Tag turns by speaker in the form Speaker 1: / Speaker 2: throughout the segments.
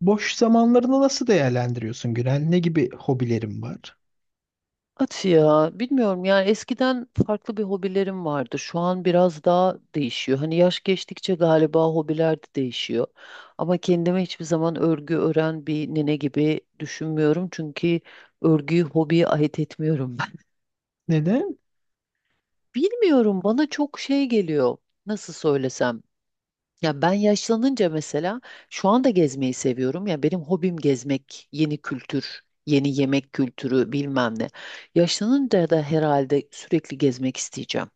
Speaker 1: Boş zamanlarını nasıl değerlendiriyorsun Günel? Ne gibi hobilerin var?
Speaker 2: At ya bilmiyorum yani eskiden farklı bir hobilerim vardı. Şu an biraz daha değişiyor. Hani yaş geçtikçe galiba hobiler de değişiyor. Ama kendime hiçbir zaman örgü ören bir nene gibi düşünmüyorum. Çünkü örgüyü hobiye ait etmiyorum ben.
Speaker 1: Neden?
Speaker 2: Bilmiyorum bana çok şey geliyor. Nasıl söylesem? Ya ben yaşlanınca mesela şu anda gezmeyi seviyorum. Ya benim hobim gezmek, yeni kültür, yeni yemek kültürü bilmem ne. Yaşlanınca da herhalde sürekli gezmek isteyeceğim.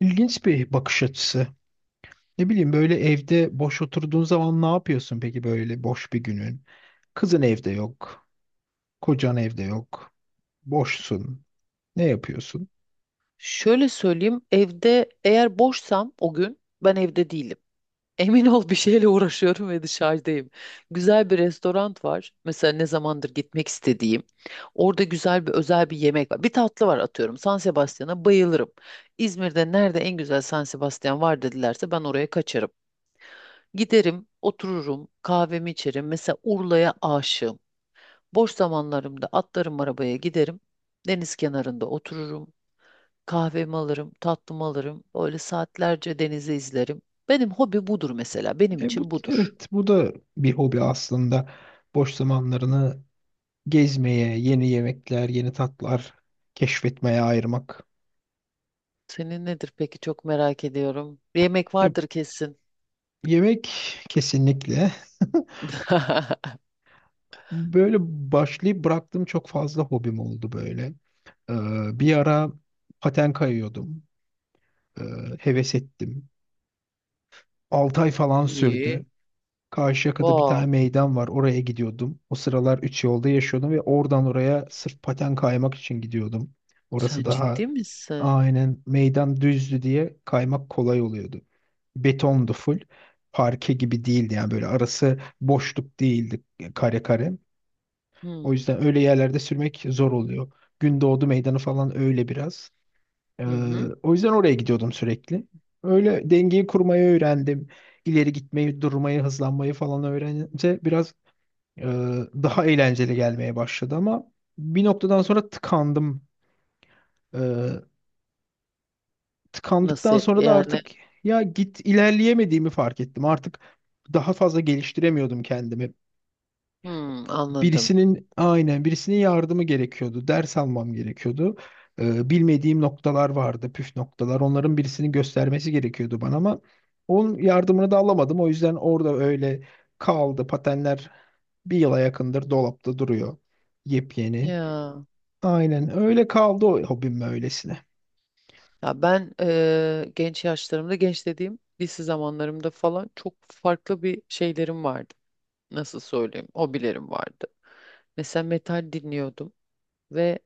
Speaker 1: İlginç bir bakış açısı. Ne bileyim böyle evde boş oturduğun zaman ne yapıyorsun peki böyle boş bir günün? Kızın evde yok, kocan evde yok, boşsun. Ne yapıyorsun?
Speaker 2: Şöyle söyleyeyim, evde eğer boşsam o gün ben evde değilim. Emin ol bir şeyle uğraşıyorum ve dışarıdayım. Güzel bir restoran var. Mesela ne zamandır gitmek istediğim. Orada güzel bir özel bir yemek var. Bir tatlı var atıyorum. San Sebastian'a bayılırım. İzmir'de nerede en güzel San Sebastian var dedilerse ben oraya kaçarım. Giderim, otururum, kahvemi içerim. Mesela Urla'ya aşığım. Boş zamanlarımda atlarım arabaya giderim. Deniz kenarında otururum. Kahvemi alırım, tatlımı alırım. Böyle saatlerce denizi izlerim. Benim hobi budur mesela. Benim
Speaker 1: E bu
Speaker 2: için budur.
Speaker 1: evet, bu da bir hobi aslında. Boş zamanlarını gezmeye, yeni yemekler, yeni tatlar keşfetmeye ayırmak.
Speaker 2: Senin nedir peki çok merak ediyorum. Bir yemek
Speaker 1: E,
Speaker 2: vardır kesin.
Speaker 1: yemek kesinlikle. Böyle başlayıp bıraktığım çok fazla hobim oldu böyle. Bir ara paten kayıyordum. Ee, Heves ettim. 6 ay falan
Speaker 2: İyi.
Speaker 1: sürdü. Karşıyaka'da bir tane
Speaker 2: Wow.
Speaker 1: meydan var. Oraya gidiyordum. O sıralar üç yolda yaşıyordum ve oradan oraya sırf paten kaymak için gidiyordum. Orası
Speaker 2: Sen
Speaker 1: daha
Speaker 2: ciddi misin?
Speaker 1: aynen, meydan düzdü diye kaymak kolay oluyordu. Betondu full. Parke gibi değildi yani, böyle arası boşluk değildi, kare kare. O
Speaker 2: Hmm.
Speaker 1: yüzden öyle yerlerde sürmek zor oluyor. Gündoğdu meydanı falan öyle biraz. Ee,
Speaker 2: Hı hı.
Speaker 1: O yüzden oraya gidiyordum sürekli. Öyle dengeyi kurmayı öğrendim. İleri gitmeyi, durmayı, hızlanmayı falan öğrenince biraz e, daha eğlenceli gelmeye başladı ama bir noktadan sonra tıkandım. Ee, Tıkandıktan
Speaker 2: Nasıl
Speaker 1: sonra da
Speaker 2: yani?
Speaker 1: artık ya git ilerleyemediğimi fark ettim. Artık daha fazla geliştiremiyordum kendimi.
Speaker 2: Hmm, anladım.
Speaker 1: Birisinin yardımı gerekiyordu. Ders almam gerekiyordu. Bilmediğim noktalar vardı, püf noktalar. Onların, birisinin göstermesi gerekiyordu bana ama onun yardımını da alamadım. O yüzden orada öyle kaldı. Patenler bir yıla yakındır dolapta duruyor. Yepyeni.
Speaker 2: Ya.
Speaker 1: Aynen öyle kaldı o hobim öylesine.
Speaker 2: Ya ben genç yaşlarımda, genç dediğim lise zamanlarımda falan çok farklı bir şeylerim vardı. Nasıl söyleyeyim? Hobilerim vardı. Mesela metal dinliyordum ve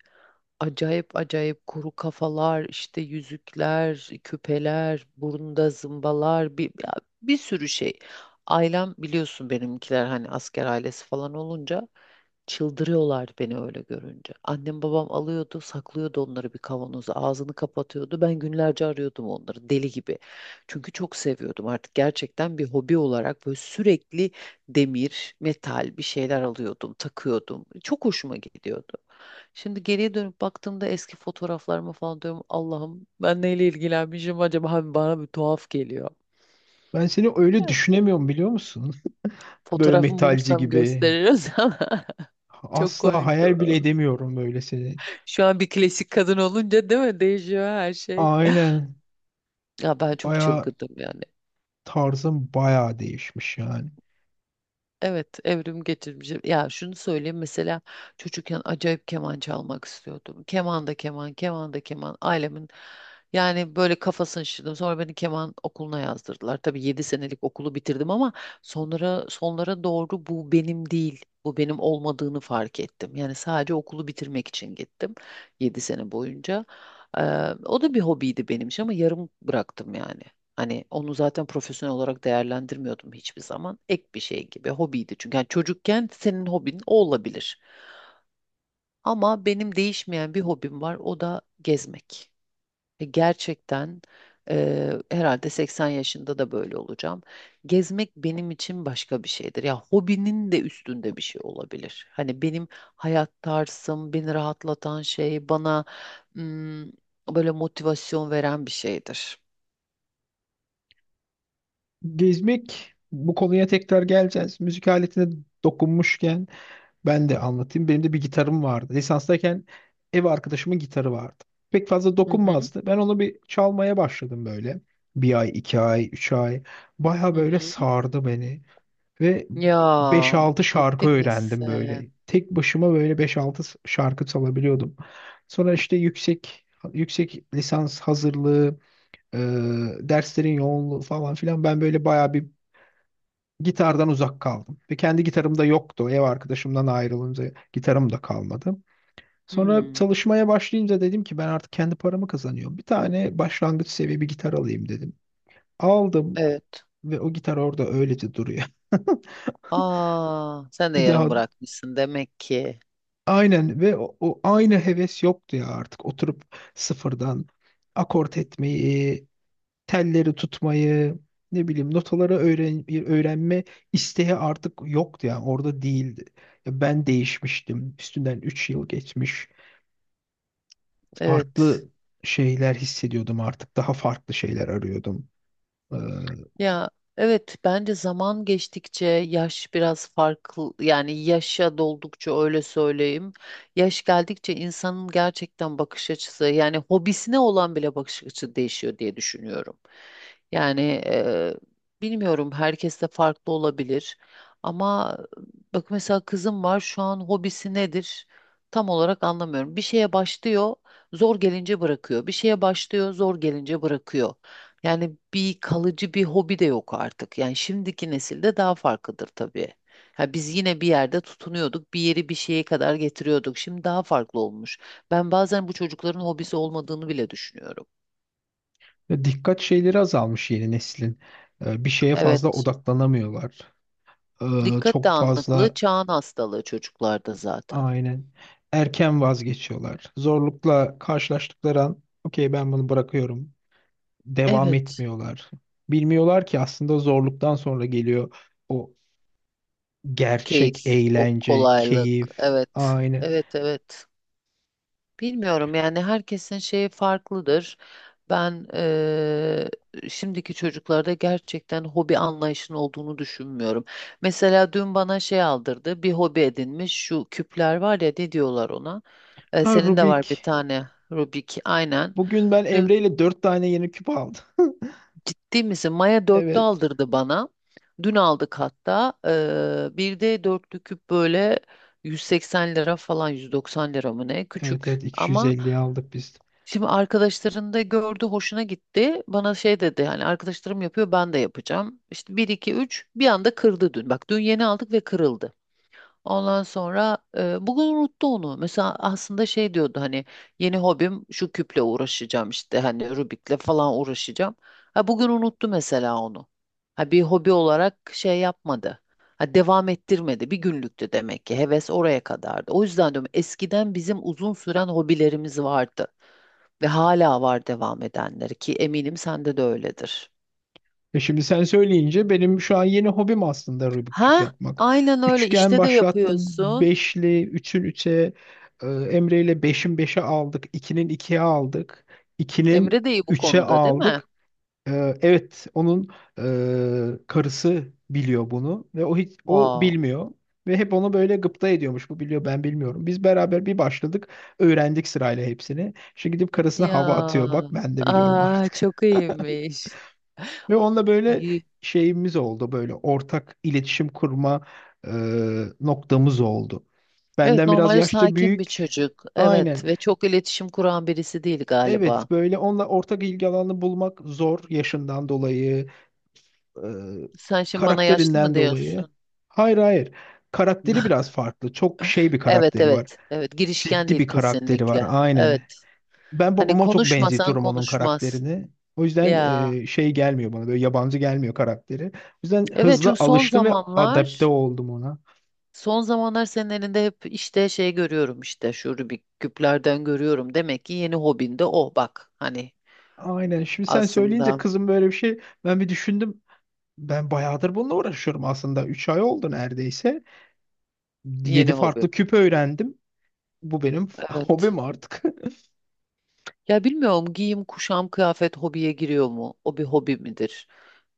Speaker 2: acayip acayip kuru kafalar, işte yüzükler, küpeler, burnunda zımbalar, ya bir sürü şey. Ailem biliyorsun benimkiler hani asker ailesi falan olunca çıldırıyorlardı beni öyle görünce. Annem babam alıyordu, saklıyordu onları bir kavanoza, ağzını kapatıyordu. Ben günlerce arıyordum onları deli gibi. Çünkü çok seviyordum artık gerçekten bir hobi olarak böyle sürekli demir, metal bir şeyler alıyordum, takıyordum. Çok hoşuma gidiyordu. Şimdi geriye dönüp baktığımda eski fotoğraflarıma falan diyorum Allah'ım ben neyle ilgilenmişim acaba. Hani bana bir tuhaf geliyor.
Speaker 1: Ben seni öyle
Speaker 2: Ya,
Speaker 1: düşünemiyorum, biliyor musun? Böyle
Speaker 2: fotoğrafımı
Speaker 1: metalci
Speaker 2: bulursam
Speaker 1: gibi.
Speaker 2: gösteririz ama çok
Speaker 1: Asla
Speaker 2: komikti.
Speaker 1: hayal bile
Speaker 2: Valla.
Speaker 1: edemiyorum böyle seni.
Speaker 2: Şu an bir klasik kadın olunca değil mi? Değişiyor her şey.
Speaker 1: Aynen.
Speaker 2: Ya ben çok
Speaker 1: Baya,
Speaker 2: çılgındım yani.
Speaker 1: tarzın baya değişmiş yani.
Speaker 2: Evet, evrim getirmiş. Ya şunu söyleyeyim mesela çocukken acayip keman çalmak istiyordum. Keman da keman, keman da keman. Ailemin yani böyle kafasını şişirdim. Sonra beni keman okuluna yazdırdılar. Tabii 7 senelik okulu bitirdim ama sonra sonlara doğru bu benim değil. Bu benim olmadığını fark ettim. Yani sadece okulu bitirmek için gittim 7 sene boyunca. O da bir hobiydi benim için ama yarım bıraktım yani. Hani onu zaten profesyonel olarak değerlendirmiyordum hiçbir zaman. Ek bir şey gibi hobiydi. Çünkü yani çocukken senin hobin o olabilir. Ama benim değişmeyen bir hobim var. O da gezmek. Ve gerçekten herhalde 80 yaşında da böyle olacağım. Gezmek benim için başka bir şeydir. Ya hobinin de üstünde bir şey olabilir. Hani benim hayat tarzım, beni rahatlatan şey, bana ım, böyle motivasyon veren bir şeydir.
Speaker 1: Gezmek, bu konuya tekrar geleceğiz. Müzik aletine dokunmuşken ben de anlatayım. Benim de bir gitarım vardı. Lisanstayken ev arkadaşımın gitarı vardı. Pek fazla
Speaker 2: Hı hı.
Speaker 1: dokunmazdı. Ben onu bir çalmaya başladım böyle. Bir ay, iki ay, üç ay. Baya
Speaker 2: Hı
Speaker 1: böyle
Speaker 2: hı.
Speaker 1: sardı beni. Ve
Speaker 2: Ya
Speaker 1: beş-altı şarkı
Speaker 2: ciddi
Speaker 1: öğrendim
Speaker 2: misin?
Speaker 1: böyle. Tek başıma böyle beş-altı şarkı çalabiliyordum. Sonra işte yüksek lisans hazırlığı, e, derslerin yoğunluğu falan filan, ben böyle bayağı bir gitardan uzak kaldım. Ve kendi gitarım da yoktu. Ev arkadaşımdan ayrılınca gitarım da kalmadı. Sonra
Speaker 2: Hmm,
Speaker 1: çalışmaya başlayınca dedim ki ben artık kendi paramı kazanıyorum. Bir tane başlangıç seviye bir gitar alayım dedim. Aldım
Speaker 2: evet.
Speaker 1: ve o gitar orada öylece duruyor.
Speaker 2: Aa, sen de
Speaker 1: Bir
Speaker 2: yarım
Speaker 1: daha
Speaker 2: bırakmışsın demek ki.
Speaker 1: aynen, ve o aynı heves yoktu ya, artık oturup sıfırdan akort etmeyi, telleri tutmayı, ne bileyim notaları öğrenme isteği artık yoktu, yani orada değildi. Ya ben değişmiştim. Üstünden 3 yıl geçmiş.
Speaker 2: Evet.
Speaker 1: Farklı şeyler hissediyordum artık. Daha farklı şeyler arıyordum.
Speaker 2: Ya evet bence zaman geçtikçe yaş biraz farklı yani yaşa doldukça öyle söyleyeyim. Yaş geldikçe insanın gerçekten bakış açısı yani hobisine olan bile bakış açısı değişiyor diye düşünüyorum. Yani bilmiyorum herkes de farklı olabilir ama bak mesela kızım var şu an hobisi nedir tam olarak anlamıyorum. Bir şeye başlıyor zor gelince bırakıyor, bir şeye başlıyor zor gelince bırakıyor. Yani bir kalıcı bir hobi de yok artık. Yani şimdiki nesilde daha farklıdır tabii. Ha biz yine bir yerde tutunuyorduk, bir yeri bir şeye kadar getiriyorduk. Şimdi daha farklı olmuş. Ben bazen bu çocukların hobisi olmadığını bile düşünüyorum.
Speaker 1: Dikkat şeyleri azalmış yeni neslin. Bir şeye fazla
Speaker 2: Evet.
Speaker 1: odaklanamıyorlar.
Speaker 2: Dikkat
Speaker 1: Çok
Speaker 2: dağınıklığı
Speaker 1: fazla
Speaker 2: çağın hastalığı çocuklarda zaten.
Speaker 1: aynen, erken vazgeçiyorlar. Zorlukla karşılaştıkları an okey ben bunu bırakıyorum, devam
Speaker 2: Evet.
Speaker 1: etmiyorlar. Bilmiyorlar ki aslında zorluktan sonra geliyor o gerçek
Speaker 2: Keyif, o
Speaker 1: eğlence,
Speaker 2: kolaylık.
Speaker 1: keyif.
Speaker 2: Evet.
Speaker 1: Aynen.
Speaker 2: Evet, evet. Bilmiyorum yani herkesin şeyi farklıdır. Ben şimdiki çocuklarda gerçekten hobi anlayışının olduğunu düşünmüyorum. Mesela dün bana şey aldırdı, bir hobi edinmiş. Şu küpler var ya ne diyorlar ona?
Speaker 1: Ha,
Speaker 2: Senin de
Speaker 1: Rubik.
Speaker 2: var bir tane Rubik, aynen.
Speaker 1: Bugün ben
Speaker 2: Dün,
Speaker 1: Emre ile 4 tane yeni küp aldım.
Speaker 2: ciddi misin? Maya dörtlü
Speaker 1: Evet.
Speaker 2: aldırdı bana. Dün aldık hatta. Bir de dörtlü küp böyle 180 lira falan 190 lira mı ne?
Speaker 1: Evet,
Speaker 2: Küçük
Speaker 1: evet,
Speaker 2: ama.
Speaker 1: 250'ye aldık biz.
Speaker 2: Şimdi arkadaşlarında gördü, hoşuna gitti. Bana şey dedi hani arkadaşlarım yapıyor ben de yapacağım. İşte bir 2 3 bir anda kırdı dün. Bak dün yeni aldık ve kırıldı. Ondan sonra bugün unuttu onu. Mesela aslında şey diyordu hani yeni hobim şu küple uğraşacağım işte hani Rubik'le falan uğraşacağım. Ha bugün unuttu mesela onu. Ha bir hobi olarak şey yapmadı. Ha devam ettirmedi. Bir günlüktü demek ki. Heves oraya kadardı. O yüzden diyorum eskiden bizim uzun süren hobilerimiz vardı. Ve hala var devam edenleri ki eminim sende de öyledir.
Speaker 1: E şimdi sen söyleyince benim şu an yeni hobim aslında Rubik küp
Speaker 2: Ha?
Speaker 1: yapmak.
Speaker 2: Aynen öyle
Speaker 1: Üçgen
Speaker 2: işte de
Speaker 1: başlattım.
Speaker 2: yapıyorsun.
Speaker 1: Beşli, üçün üçe, Emre ile beşin beşe aldık. İkinin ikiye aldık.
Speaker 2: Emre
Speaker 1: ikinin
Speaker 2: de iyi bu
Speaker 1: Üçe
Speaker 2: konuda değil mi?
Speaker 1: aldık. Evet, onun karısı biliyor bunu ve o hiç, o
Speaker 2: Wow.
Speaker 1: bilmiyor ve hep onu böyle gıpta ediyormuş. Bu biliyor, ben bilmiyorum. Biz beraber bir başladık, öğrendik sırayla hepsini. Şimdi gidip karısına
Speaker 2: Ya.
Speaker 1: hava atıyor. Bak, ben de biliyorum
Speaker 2: Aa,
Speaker 1: artık.
Speaker 2: çok iyiymiş.
Speaker 1: Ve onunla böyle
Speaker 2: İyi.
Speaker 1: şeyimiz oldu, böyle ortak iletişim kurma e, noktamız oldu.
Speaker 2: Evet
Speaker 1: Benden biraz
Speaker 2: normalde
Speaker 1: yaşça
Speaker 2: sakin bir
Speaker 1: büyük.
Speaker 2: çocuk.
Speaker 1: Aynen.
Speaker 2: Evet ve çok iletişim kuran birisi değil galiba.
Speaker 1: Evet, böyle onunla ortak ilgi alanı bulmak zor, yaşından dolayı, e,
Speaker 2: Sen şimdi bana yaşlı mı
Speaker 1: karakterinden dolayı.
Speaker 2: diyorsun?
Speaker 1: Hayır, hayır. Karakteri biraz farklı. Çok şey bir
Speaker 2: Evet
Speaker 1: karakteri var.
Speaker 2: evet. Evet girişken
Speaker 1: Ciddi
Speaker 2: değil
Speaker 1: bir karakteri var.
Speaker 2: kesinlikle.
Speaker 1: Aynen.
Speaker 2: Evet.
Speaker 1: Ben
Speaker 2: Hani
Speaker 1: babama çok
Speaker 2: konuşmasan
Speaker 1: benzetiyorum onun
Speaker 2: konuşmaz.
Speaker 1: karakterini. O yüzden
Speaker 2: Ya.
Speaker 1: şey gelmiyor bana. Böyle yabancı gelmiyor karakteri. O yüzden
Speaker 2: Evet
Speaker 1: hızlı
Speaker 2: çünkü son
Speaker 1: alıştım ve adapte
Speaker 2: zamanlar
Speaker 1: oldum ona.
Speaker 2: Son zamanlar senin elinde hep işte şey görüyorum, işte şu Rubik küplerden görüyorum. Demek ki yeni hobin de o bak hani
Speaker 1: Aynen. Şimdi sen söyleyince
Speaker 2: aslında
Speaker 1: kızım, böyle bir şey. Ben bir düşündüm. Ben bayağıdır bununla uğraşıyorum aslında. 3 ay oldu neredeyse. 7
Speaker 2: yeni hobi.
Speaker 1: farklı küp öğrendim. Bu benim
Speaker 2: Evet.
Speaker 1: hobim artık.
Speaker 2: Ya bilmiyorum giyim, kuşam, kıyafet hobiye giriyor mu? O bir hobi midir?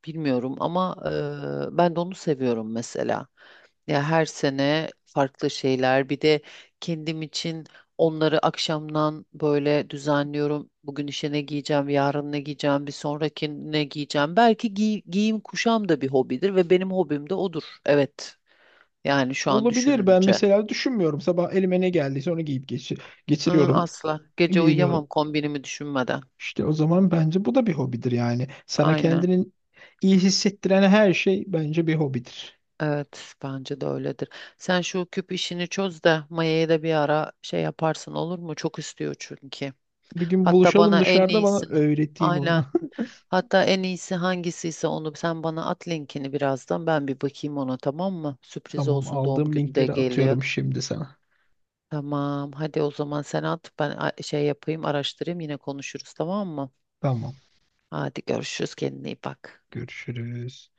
Speaker 2: Bilmiyorum ama ben de onu seviyorum mesela. Ya her sene farklı şeyler. Bir de kendim için onları akşamdan böyle düzenliyorum. Bugün işe ne giyeceğim, yarın ne giyeceğim, bir sonraki ne giyeceğim. Belki giyim kuşam da bir hobidir ve benim hobim de odur. Evet. Yani şu an
Speaker 1: Olabilir. Ben
Speaker 2: düşününce.
Speaker 1: mesela düşünmüyorum. Sabah elime ne geldiyse onu giyip
Speaker 2: Hı,
Speaker 1: geçiriyorum,
Speaker 2: asla. Gece uyuyamam
Speaker 1: giyiniyorum.
Speaker 2: kombinimi düşünmeden.
Speaker 1: İşte o zaman bence bu da bir hobidir yani. Sana
Speaker 2: Aynen.
Speaker 1: kendini iyi hissettiren her şey bence bir hobidir.
Speaker 2: Evet, bence de öyledir. Sen şu küp işini çöz de Maya'ya da bir ara şey yaparsın olur mu? Çok istiyor çünkü.
Speaker 1: Bir gün
Speaker 2: Hatta
Speaker 1: buluşalım
Speaker 2: bana en
Speaker 1: dışarıda, bana
Speaker 2: iyisini.
Speaker 1: öğreteyim onu.
Speaker 2: Aynen. Hatta en iyisi hangisiyse onu sen bana at linkini birazdan. Ben bir bakayım ona tamam mı? Sürpriz
Speaker 1: Tamam,
Speaker 2: olsun doğum
Speaker 1: aldığım
Speaker 2: günü de
Speaker 1: linkleri
Speaker 2: geliyor.
Speaker 1: atıyorum şimdi sana.
Speaker 2: Tamam. Hadi o zaman sen at. Ben şey yapayım araştırayım yine konuşuruz tamam mı?
Speaker 1: Tamam.
Speaker 2: Hadi görüşürüz kendine iyi bak.
Speaker 1: Görüşürüz.